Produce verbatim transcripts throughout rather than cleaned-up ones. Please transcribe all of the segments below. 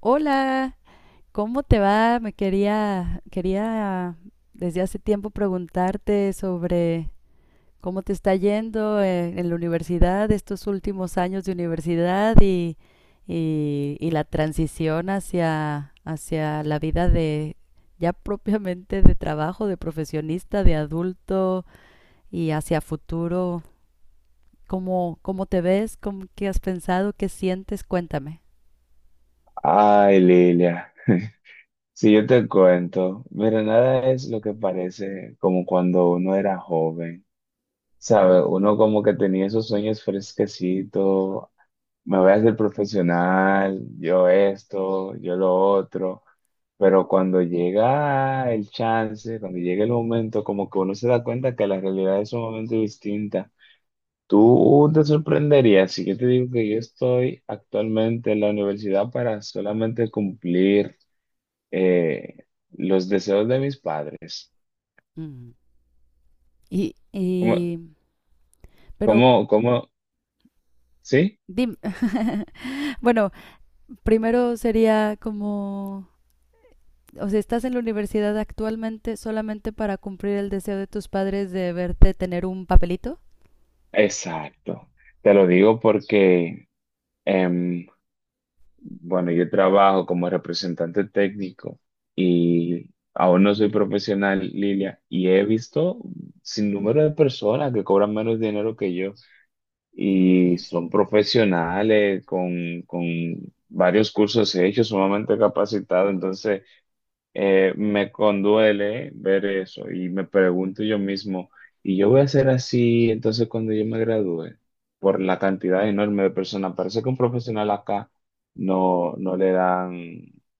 Hola, ¿cómo te va? Me quería, quería desde hace tiempo preguntarte sobre cómo te está yendo eh, en, la universidad, estos últimos años de universidad y, y- y la transición hacia, hacia la vida de ya propiamente de trabajo, de profesionista, de adulto y hacia futuro. ¿Cómo, cómo te ves? ¿Cómo, qué has pensado? ¿Qué sientes? Cuéntame. Ay, Lilia, si yo te cuento, mira, nada es lo que parece como cuando uno era joven, ¿sabes? Uno como que tenía esos sueños fresquecitos, me voy a hacer profesional, yo esto, yo lo otro, pero cuando llega el chance, cuando llega el momento, como que uno se da cuenta que la realidad es sumamente distinta. Tú te sorprenderías si yo te digo que yo estoy actualmente en la universidad para solamente cumplir eh, los deseos de mis padres. Mm. Y, ¿Cómo, y, pero cómo, cómo? ¿Sí? Dim- bueno, primero sería como, o sea, estás en la universidad actualmente solamente para cumplir el deseo de tus padres de verte tener un papelito. Exacto. Te lo digo porque, em, bueno, yo trabajo como representante técnico y aún no soy profesional, Lilia, y he visto sin número de personas que cobran menos dinero que yo y Ok. son profesionales con, con varios cursos hechos, sumamente capacitados, entonces... eh, me conduele ver eso y me pregunto yo mismo, ¿y yo voy a ser así entonces cuando yo me gradúe? Por la cantidad enorme de personas. Parece que un profesional acá no, no le dan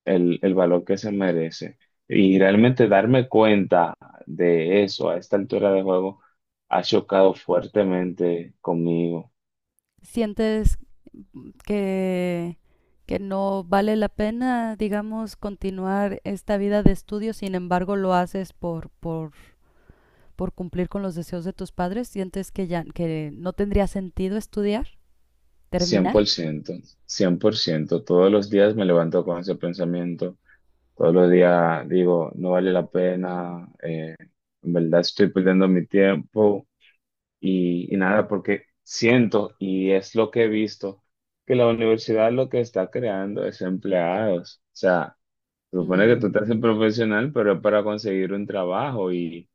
el, el valor que se merece. Y realmente darme cuenta de eso a esta altura de juego ha chocado fuertemente conmigo. ¿Sientes que, que no vale la pena, digamos, continuar esta vida de estudio? Sin embargo, lo haces por, por, por cumplir con los deseos de tus padres. ¿Sientes que ya que no tendría sentido estudiar, cien cien terminar? por ciento, cien por ciento. Todos los días me levanto con ese pensamiento. Todos los días digo, no vale la pena, eh, en verdad estoy perdiendo mi tiempo y, y nada, porque siento, y es lo que he visto, que la universidad lo que está creando es empleados. O sea, se supone que tú Mm, estás en profesional, pero es para conseguir un trabajo, y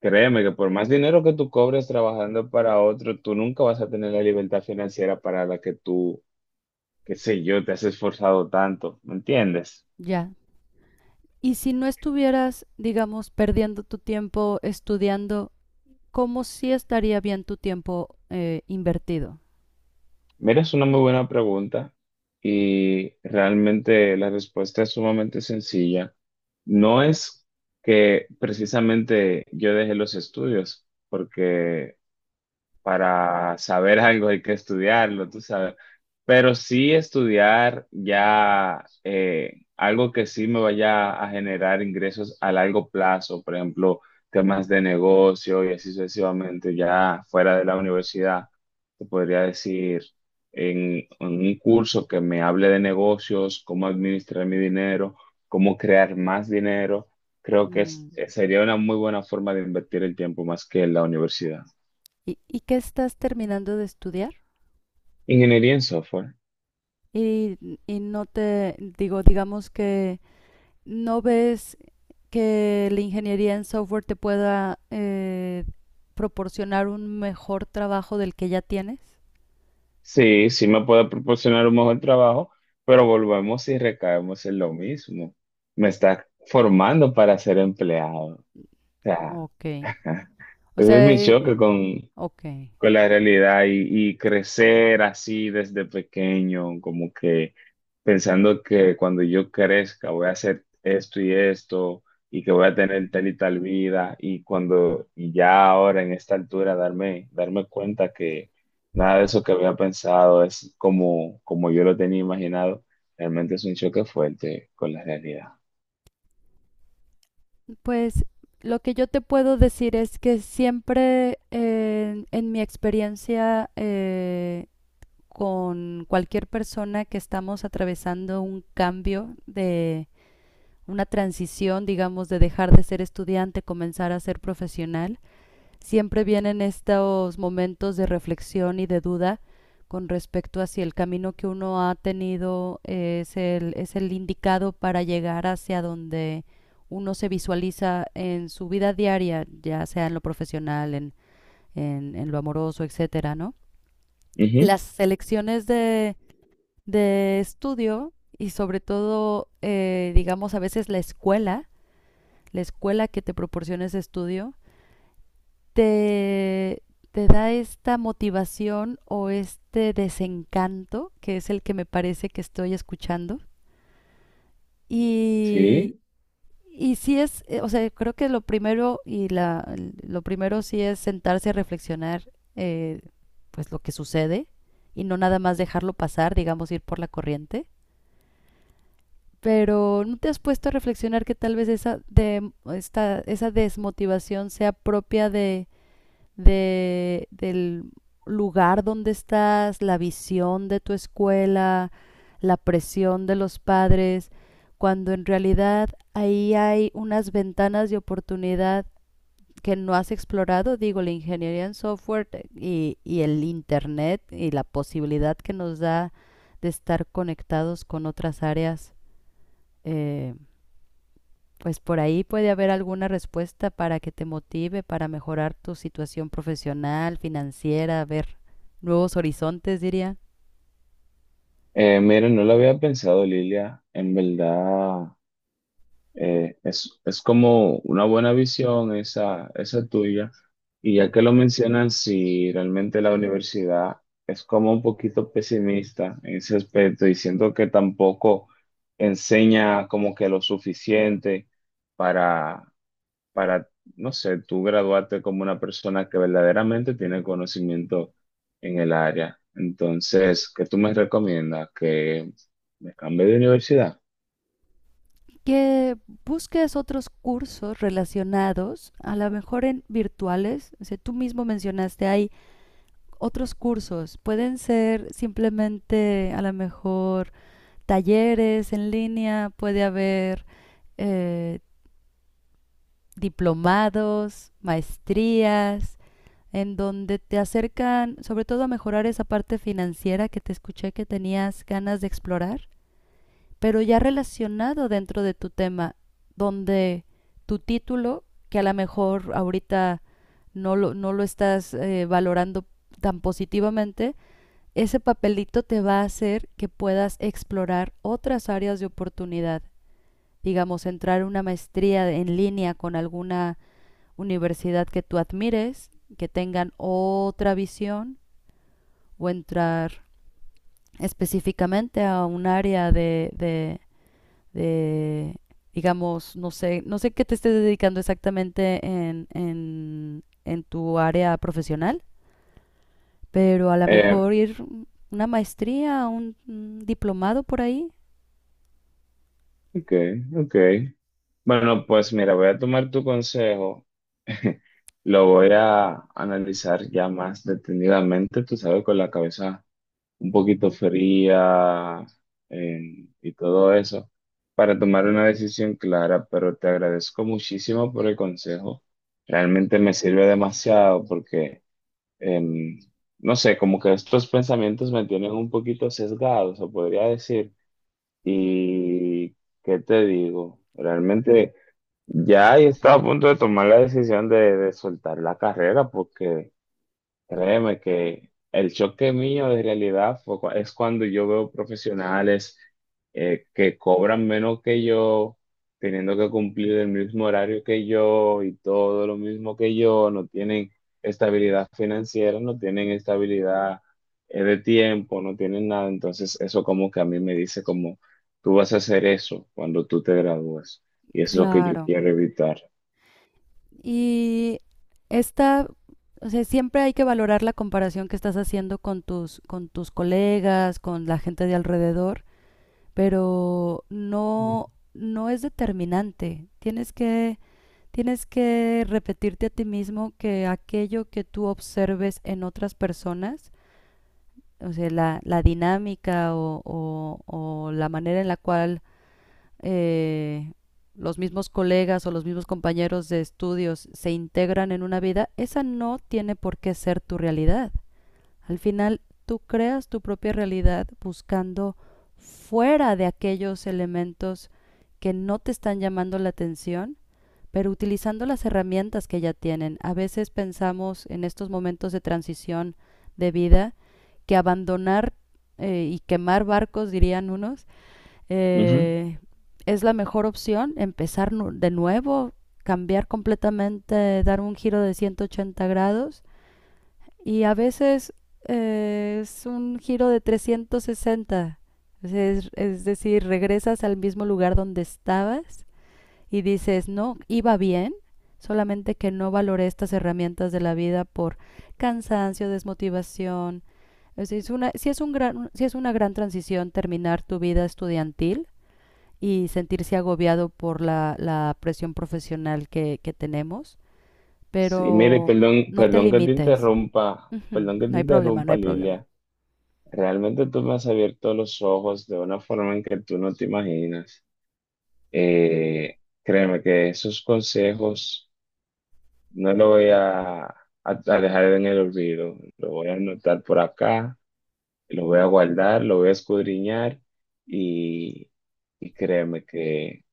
créeme que por más dinero que tú cobres trabajando para otro, tú nunca vas a tener la libertad financiera para la que tú, qué sé yo, te has esforzado tanto, ¿me entiendes? Ya, Y si no estuvieras, digamos, perdiendo tu tiempo estudiando, ¿cómo sí estaría bien tu tiempo eh, invertido? Mira, es una muy buena pregunta y realmente la respuesta es sumamente sencilla. No es que precisamente yo dejé los estudios, porque para saber algo hay que estudiarlo, tú sabes. Pero sí estudiar ya eh, algo que sí me vaya a generar ingresos a largo plazo, por ejemplo, temas de negocio y así sucesivamente, ya fuera de la universidad, te podría decir en, en un curso que me hable de negocios, cómo administrar mi dinero, cómo crear más dinero. Creo que es- Mm. sería una muy buena forma de invertir el tiempo más que en la universidad. ¿Y, y qué estás terminando de estudiar? Ingeniería en software. Y, y no te digo, digamos, que no ves que la ingeniería en software te pueda eh, proporcionar un mejor trabajo del que ya tienes. Sí, sí me puede proporcionar un mejor trabajo, pero volvemos y recaemos en lo mismo. Me está formando para ser empleado. O sea, Ok. O ese es sea, mi choque eh, con ok. con la realidad. Y, y crecer así desde pequeño, como que pensando que cuando yo crezca voy a hacer esto y esto y que voy a tener tal y tal vida y cuando y ya ahora en esta altura darme, darme cuenta que nada de eso que había pensado es como, como yo lo tenía imaginado, realmente es un choque fuerte con la realidad. Pues lo que yo te puedo decir es que siempre eh, en mi experiencia eh, con cualquier persona que estamos atravesando un cambio de una transición, digamos, de dejar de ser estudiante, comenzar a ser profesional, siempre vienen estos momentos de reflexión y de duda con respecto a si el camino que uno ha tenido es el, es el indicado para llegar hacia donde uno se visualiza en su vida diaria, ya sea en lo profesional, en, en, en lo amoroso, etcétera, ¿no? Ujú. Las selecciones de, de estudio y sobre todo, eh, digamos, a veces la escuela, la escuela que te proporciona ese estudio, te, te da esta motivación o este desencanto, que es el que me parece que estoy escuchando. Y, Sí, y sí es, eh, o sea, creo que lo primero y la, lo primero sí es sentarse a reflexionar eh, pues lo que sucede y no nada más dejarlo pasar, digamos, ir por la corriente. Pero ¿no te has puesto a reflexionar que tal vez esa, de, esta, esa desmotivación sea propia de de, del lugar donde estás, la visión de tu escuela, la presión de los padres, cuando en realidad ahí hay unas ventanas de oportunidad que no has explorado? Digo, la ingeniería en software eh, y, y el Internet y la posibilidad que nos da de estar conectados con otras áreas, eh, pues por ahí puede haber alguna respuesta para que te motive para mejorar tu situación profesional, financiera, ver nuevos horizontes, diría. eh, miren, no lo había pensado, Lilia, en verdad. Eh, es, es como una buena visión esa, esa tuya. Y ya que lo mencionan, si realmente la universidad es como un poquito pesimista en ese aspecto y siento que tampoco enseña como que lo suficiente para, para, no sé, tú graduarte como una persona que verdaderamente tiene conocimiento en el área. Entonces, ¿qué tú me recomiendas? ¿Que me cambie de universidad? Que busques otros cursos relacionados, a lo mejor en virtuales. O sea, tú mismo mencionaste, hay otros cursos. Pueden ser simplemente, a lo mejor, talleres en línea, puede haber eh, diplomados, maestrías en donde te acercan sobre todo a mejorar esa parte financiera que te escuché que tenías ganas de explorar, pero ya relacionado dentro de tu tema, donde tu título, que a lo mejor ahorita no lo, no lo estás eh, valorando tan positivamente, ese papelito te va a hacer que puedas explorar otras áreas de oportunidad, digamos, entrar a una maestría en línea con alguna universidad que tú admires, que tengan otra visión, o entrar específicamente a un área de, de, de digamos, no sé, no sé qué te estés dedicando exactamente en, en, en tu área profesional, pero a lo Eh, mejor ir una maestría, un, un diplomado por ahí. ok, ok. Bueno, pues mira, voy a tomar tu consejo, lo voy a analizar ya más detenidamente, tú sabes, con la cabeza un poquito fría eh, y todo eso, para tomar una decisión clara, pero te agradezco muchísimo por el consejo, realmente me sirve demasiado porque, em, no sé, como que estos pensamientos me tienen un poquito sesgados, o podría decir, y ¿qué te digo? Realmente... Ya y estaba a punto de tomar la decisión de, de soltar la carrera porque... Créeme que el choque mío de realidad fue cua- es cuando yo veo profesionales eh, que cobran menos que yo, teniendo que cumplir el mismo horario que yo y todo lo mismo que yo, no tienen estabilidad financiera, no tienen estabilidad eh, de tiempo, no tienen nada. Entonces eso como que a mí me dice como, tú vas a hacer eso cuando tú te gradúes y es lo que yo Claro. quiero evitar. Y esta, o sea, siempre hay que valorar la comparación que estás haciendo con tus, con tus colegas, con la gente de alrededor, pero no, no es determinante. Tienes que, tienes que repetirte a ti mismo que aquello que tú observes en otras personas, o sea, la, la dinámica o, o- o la manera en la cual eh, los mismos colegas o los mismos compañeros de estudios se integran en una vida, esa no tiene por qué ser tu realidad. Al final, tú creas tu propia realidad buscando fuera de aquellos elementos que no te están llamando la atención, pero utilizando las herramientas que ya tienen. A veces pensamos en estos momentos de transición de vida que abandonar eh, y quemar barcos, dirían unos, eh, es la mejor opción empezar de nuevo, cambiar completamente, dar un giro de ciento ochenta grados, y a veces eh, es un giro de trescientos sesenta. Es, es decir, regresas al mismo lugar donde estabas y dices, no, iba bien, solamente que no valoré estas herramientas de la vida por cansancio, desmotivación. O es una, sí es un gran, sí es una gran transición terminar tu vida estudiantil y sentirse agobiado por la, la presión profesional que, que tenemos, Sí, mire, pero perdón, no te perdón que te limites. interrumpa, Ujú. perdón que No te hay problema, no interrumpa, hay problema. Lilia. Realmente tú me has abierto los ojos de una forma en que tú no te imaginas. Eh, créeme que esos consejos no los voy a, a- a dejar en el olvido. Lo voy a anotar por acá, lo voy a guardar, lo voy a escudriñar y, y créeme que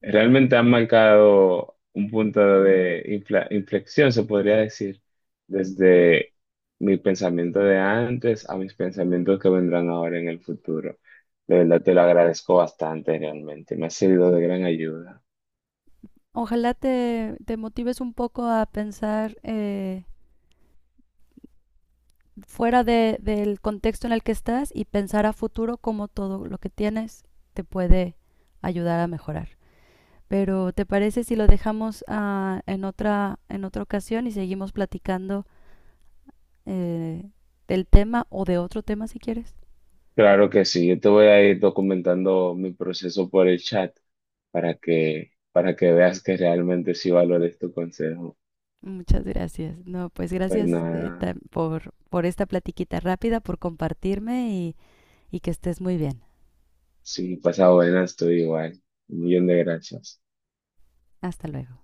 realmente han marcado un punto de infla- inflexión, se podría decir, desde mi pensamiento de antes a mis pensamientos que vendrán ahora en el futuro. De verdad te lo agradezco bastante, realmente. Me ha servido de gran ayuda. Ojalá te, te motives un poco a pensar eh, fuera de- del contexto en el que estás y pensar a futuro cómo todo lo que tienes te puede ayudar a mejorar. Pero ¿te parece si lo dejamos ah, en otra, en otra ocasión y seguimos platicando eh, del tema o de otro tema si quieres? Claro que sí, yo te voy a ir documentando mi proceso por el chat para que, para que veas que realmente sí valores tu consejo. Muchas gracias. No, pues Pues gracias eh, nada, ta- por, por esta platiquita rápida, por compartirme, y, y que estés muy bien. sí, pasa buena, estoy igual. Un millón de gracias. Hasta luego.